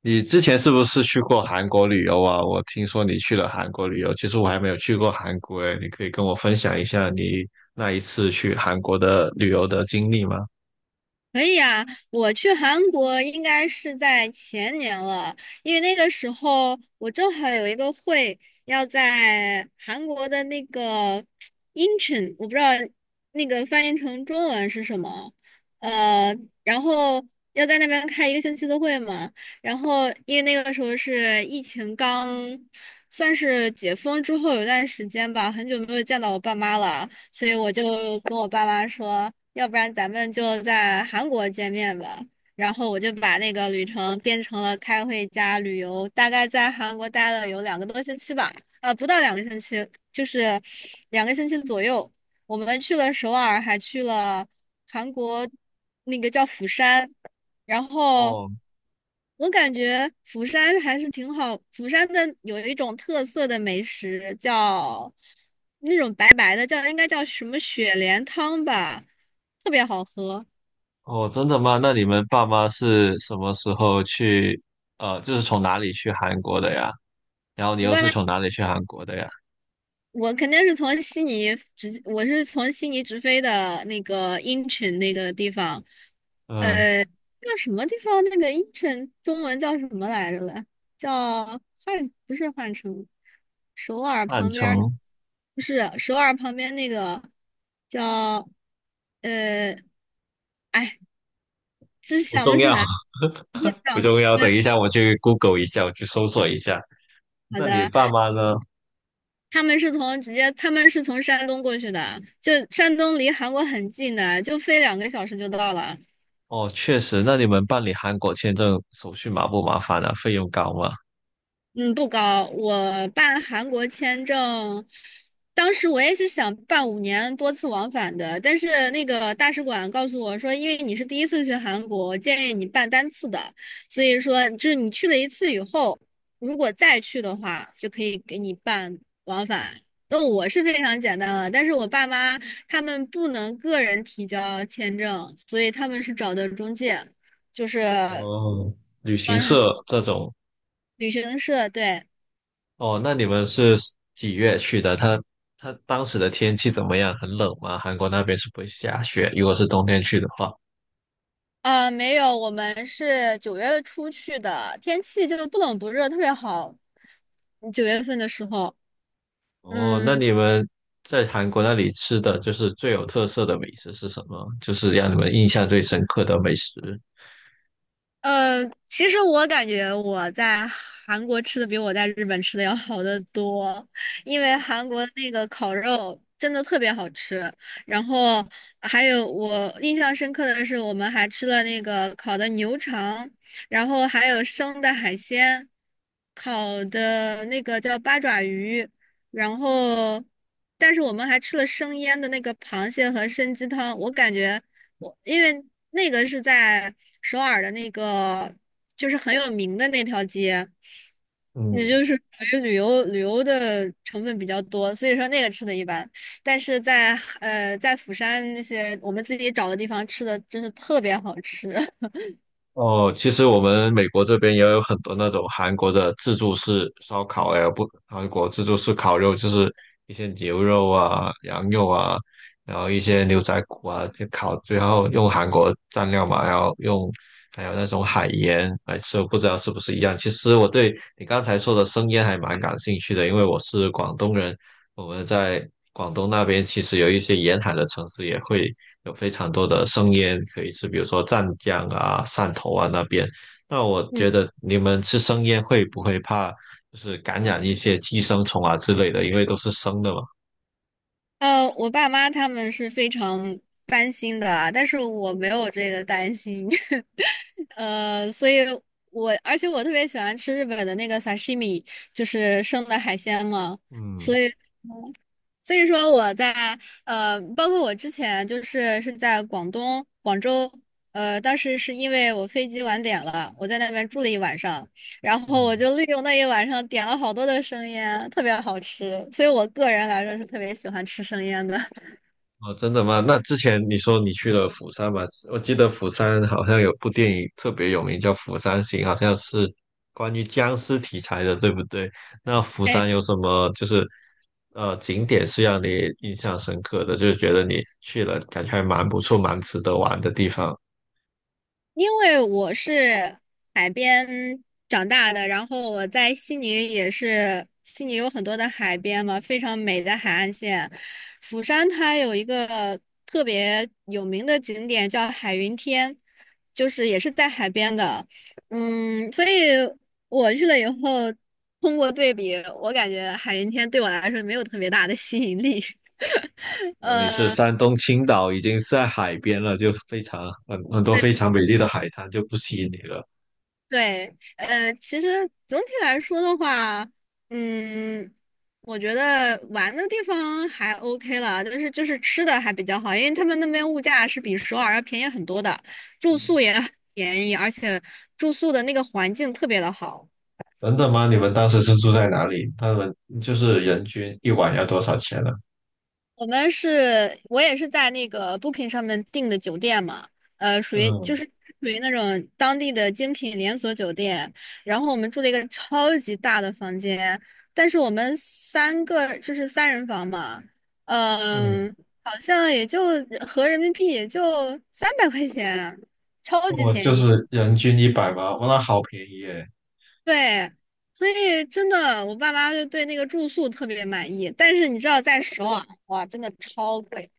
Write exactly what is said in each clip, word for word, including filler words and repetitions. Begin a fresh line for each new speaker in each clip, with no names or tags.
你之前是不是去过韩国旅游啊？我听说你去了韩国旅游，其实我还没有去过韩国诶，你可以跟我分享一下你那一次去韩国的旅游的经历吗？
可以啊，我去韩国应该是在前年了，因为那个时候我正好有一个会要在韩国的那个 Incheon，我不知道那个翻译成中文是什么，呃，然后要在那边开一个星期的会嘛，然后因为那个时候是疫情刚算是解封之后有段时间吧，很久没有见到我爸妈了。所以我就跟我爸妈说，要不然咱们就在韩国见面吧。然后我就把那个旅程变成了开会加旅游，大概在韩国待了有两个多星期吧，呃，不到两个星期，就是两个星期左右。我们去了首尔，还去了韩国那个叫釜山。然后
哦
我感觉釜山还是挺好，釜山的有一种特色的美食叫那种白白的，叫应该叫什么雪莲汤吧，特别好喝。
哦，真的吗？那你们爸妈是什么时候去？呃，就是从哪里去韩国的呀？然后你
我
又
爸
是
妈
从哪里去韩国的呀？
我肯定是从悉尼直，我是从悉尼直飞的那个英城那个地方，
嗯，
呃，叫什么地方？那个英城中文叫什么来着了？叫汉，不是汉城，首尔
汉
旁边儿
城
不是首尔旁边那个叫，呃，哎，真
不
想不
重
起
要，
来，对，
不
叫
重要。
对
等一下我去 Google 一下，我去搜索一下。
好
那你
的。
爸妈呢？
他们是从直接，他们是从山东过去的，就山东离韩国很近的，就飞两个小时就到了。
哦，确实，那你们办理韩国签证手续麻不麻烦啊？费用高吗？
嗯，不高。我办韩国签证，当时我也是想办五年多次往返的，但是那个大使馆告诉我说，因为你是第一次去韩国，我建议你办单次的。所以说，就是你去了一次以后，如果再去的话，就可以给你办往返。那我是非常简单了，但是我爸妈他们不能个人提交签证，所以他们是找的中介，就是
哦，旅行
帮他们
社这种，
旅行社，对。
哦，那你们是几月去的？它它当时的天气怎么样？很冷吗？韩国那边是不会下雪，如果是冬天去的话。
啊，没有，我们是九月初去的，天气就不冷不热，特别好。九月份的时候，
哦，那
嗯，
你们在韩国那里吃的就是最有特色的美食是什么？就是让你们印象最深刻的美食。
呃，其实我感觉我在韩国吃的比我在日本吃的要好得多，因为韩国那个烤肉真的特别好吃。然后还有我印象深刻的是，我们还吃了那个烤的牛肠，然后还有生的海鲜，烤的那个叫八爪鱼，然后但是我们还吃了生腌的那个螃蟹和参鸡汤，我感觉。我因为那个是在首尔的那个，就是很有名的那条街，也
嗯，
就是属于旅游旅游的成分比较多，所以说那个吃的一般。但是在呃在釜山那些我们自己找的地方吃的真是特别好吃。
哦，其实我们美国这边也有很多那种韩国的自助式烧烤，哎，不，韩国自助式烤肉就是一些牛肉啊、羊肉啊，然后一些牛仔骨啊，就烤，最后用韩国蘸料嘛，然后用还有那种海盐来吃，我不知道是不是一样。其实我对你刚才说的生腌还蛮感兴趣的，因为我是广东人，我们在广东那边其实有一些沿海的城市也会。有非常多的生腌可以吃，比如说湛江啊、汕头啊那边。那我
嗯，
觉得你们吃生腌会不会怕就是感染一些寄生虫啊之类的？因为都是生的嘛。
呃，我爸妈他们是非常担心的啊但是我没有这个担心。呃，所以我而且我特别喜欢吃日本的那个 sashimi，就是生的海鲜嘛，
嗯
所以所以说我在呃，包括我之前就是是在广东广州，呃，当时是因为我飞机晚点了，我在那边住了一晚上，然后我
嗯。
就利用那一晚上点了好多的生腌，特别好吃，所以我个人来说是特别喜欢吃生腌的。
哦，真的吗？那之前你说你去了釜山嘛？我记得釜山好像有部电影特别有名，叫《釜山行》，好像是关于僵尸题材的，对不对？那釜山有 什么就是呃景点是让你印象深刻的，就是觉得你去了感觉还蛮不错、蛮值得玩的地方？
因为我是海边长大的，然后我在悉尼也是，悉尼有很多的海边嘛，非常美的海岸线。釜山它有一个特别有名的景点叫海云天，就是也是在海边的。嗯，所以我去了以后，通过对比，我感觉海云天对我来说没有特别大的吸引力。
那你是
呃。
山东青岛，已经是在海边了，就非常很很多非常美丽的海滩就不吸引你了。
对，呃，其实总体来说的话，嗯，我觉得玩的地方还 OK 了，但是就是吃的还比较好，因为他们那边物价是比首尔要便宜很多的，住宿也很便宜，而且住宿的那个环境特别的好。
真的吗？你们当时是住在哪里？他们就是人均一晚要多少钱呢？
我们是，我也是在那个 Booking 上面订的酒店嘛，呃，属于
嗯
就是属于那种当地的精品连锁酒店，然后我们住了一个超级大的房间，但是我们三个就是三人房嘛，
嗯，
嗯、好像也就合人民币也就三百块钱，超级
我
便
就
宜，
是人均一百嘛，哇，那好便宜耶，
对。所以真的，我爸妈就对那个住宿特别满意，但是你知道，在首尔哇，真的超贵。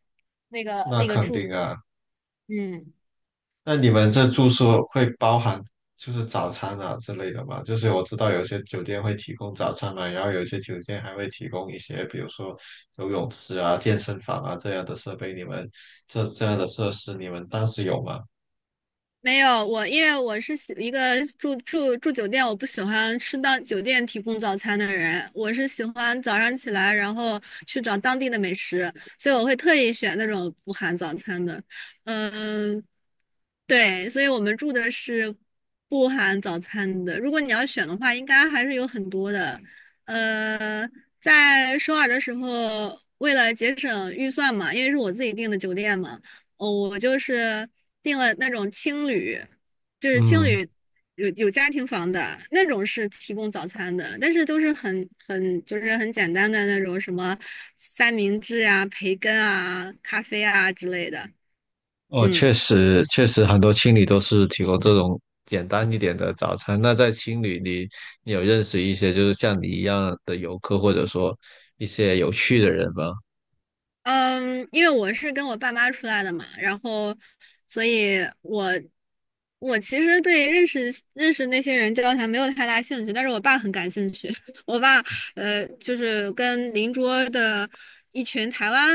那个
那
那个
肯
住。
定啊。
嗯，
那你们这住宿会包含就是早餐啊之类的吗？就是我知道有些酒店会提供早餐嘛，然后有些酒店还会提供一些，比如说游泳池啊、健身房啊这样的设备。你们这这样的设施，你们当时有吗？
没有，我因为我是喜一个住住住酒店，我不喜欢吃到酒店提供早餐的人，我是喜欢早上起来，然后去找当地的美食，所以我会特意选那种不含早餐的。嗯，对，所以我们住的是不含早餐的。如果你要选的话，应该还是有很多的。呃，在首尔的时候，为了节省预算嘛，因为是我自己订的酒店嘛。哦，我就是订了那种青旅，就是青
嗯。
旅有有家庭房的那种是提供早餐的，但是都是很很就是很简单的那种什么三明治啊、培根啊、咖啡啊之类的。
哦，
嗯，
确实，确实很多青旅都是提供这种简单一点的早餐。那在青旅里，你有认识一些就是像你一样的游客，或者说一些有趣的人吗？
嗯，因为我是跟我爸妈出来的嘛，然后，所以我我其实对认识认识那些人交谈没有太大兴趣，但是我爸很感兴趣。我爸呃，就是跟邻桌的一群台湾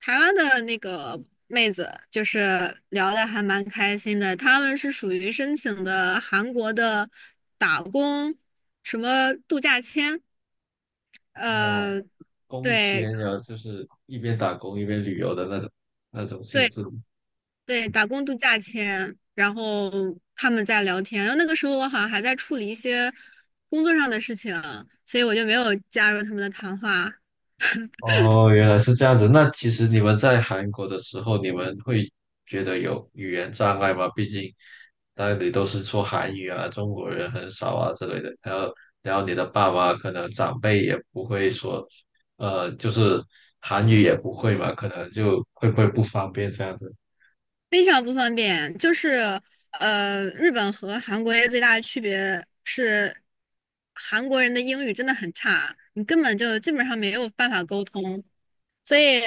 台湾的那个妹子，就是聊的还蛮开心的。他们是属于申请的韩国的打工什么度假签，
哦，
呃，
工
对。
签啊，就是一边打工一边旅游的那种那种性质。
对，打工度假签，然后他们在聊天，然后那个时候我好像还在处理一些工作上的事情，所以我就没有加入他们的谈话。
哦，原来是这样子。那其实你们在韩国的时候，你们会觉得有语言障碍吗？毕竟那里都是说韩语啊，中国人很少啊之类的。然后，然后你的爸妈可能长辈也不会说，呃，就是韩语也不会嘛，可能就会不会不方便这样子
非常不方便，就是呃，日本和韩国最大的区别是，韩国人的英语真的很差，你根本就基本上没有办法沟通，所以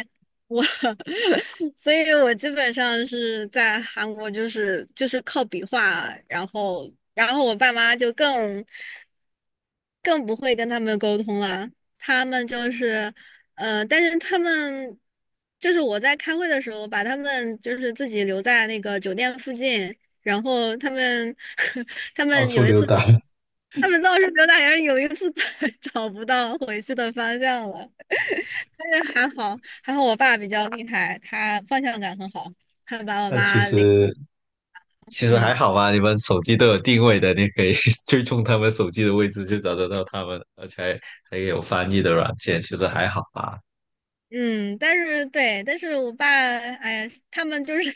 我 所以我基本上是在韩国就是就是靠比划，然后然后我爸妈就更更不会跟他们沟通了。他们就是，呃，但是他们就是我在开会的时候，把他们就是自己留在那个酒店附近，然后他们 他
到
们
处
有一
溜
次，
达。
他们倒是刘大人有一次在 找不到回去的方向了，但是还好还好我爸比较厉害，他方向感很好，他把我
那其
妈领，
实其实还
嗯。
好吧，你们手机都有定位的，你可以 追踪他们手机的位置，就找得到他们，而且还还有翻译的软件，其实还好吧。
嗯，但是对，但是我爸，哎呀，他们就是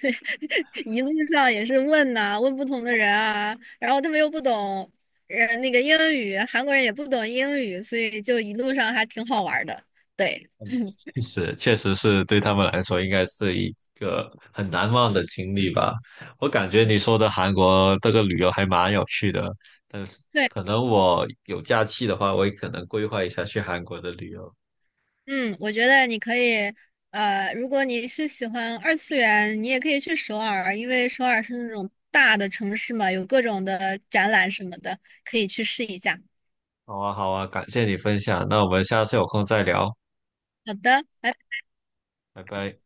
一路上也是问呐、问不同的人啊，然后他们又不懂，呃，那个英语，韩国人也不懂英语，所以就一路上还挺好玩儿的。对
确实，确实是对他们来说，应该是一个很难忘的经历吧。我感觉你说的韩国这个旅游还蛮有趣的，但是
对，
可能我有假期的话，我也可能规划一下去韩国的旅游。
嗯，我觉得你可以，呃，如果你是喜欢二次元，你也可以去首尔，因为首尔是那种大的城市嘛，有各种的展览什么的，可以去试一下。
好啊，好啊，感谢你分享，那我们下次有空再聊，
好的。拜拜。
拜拜。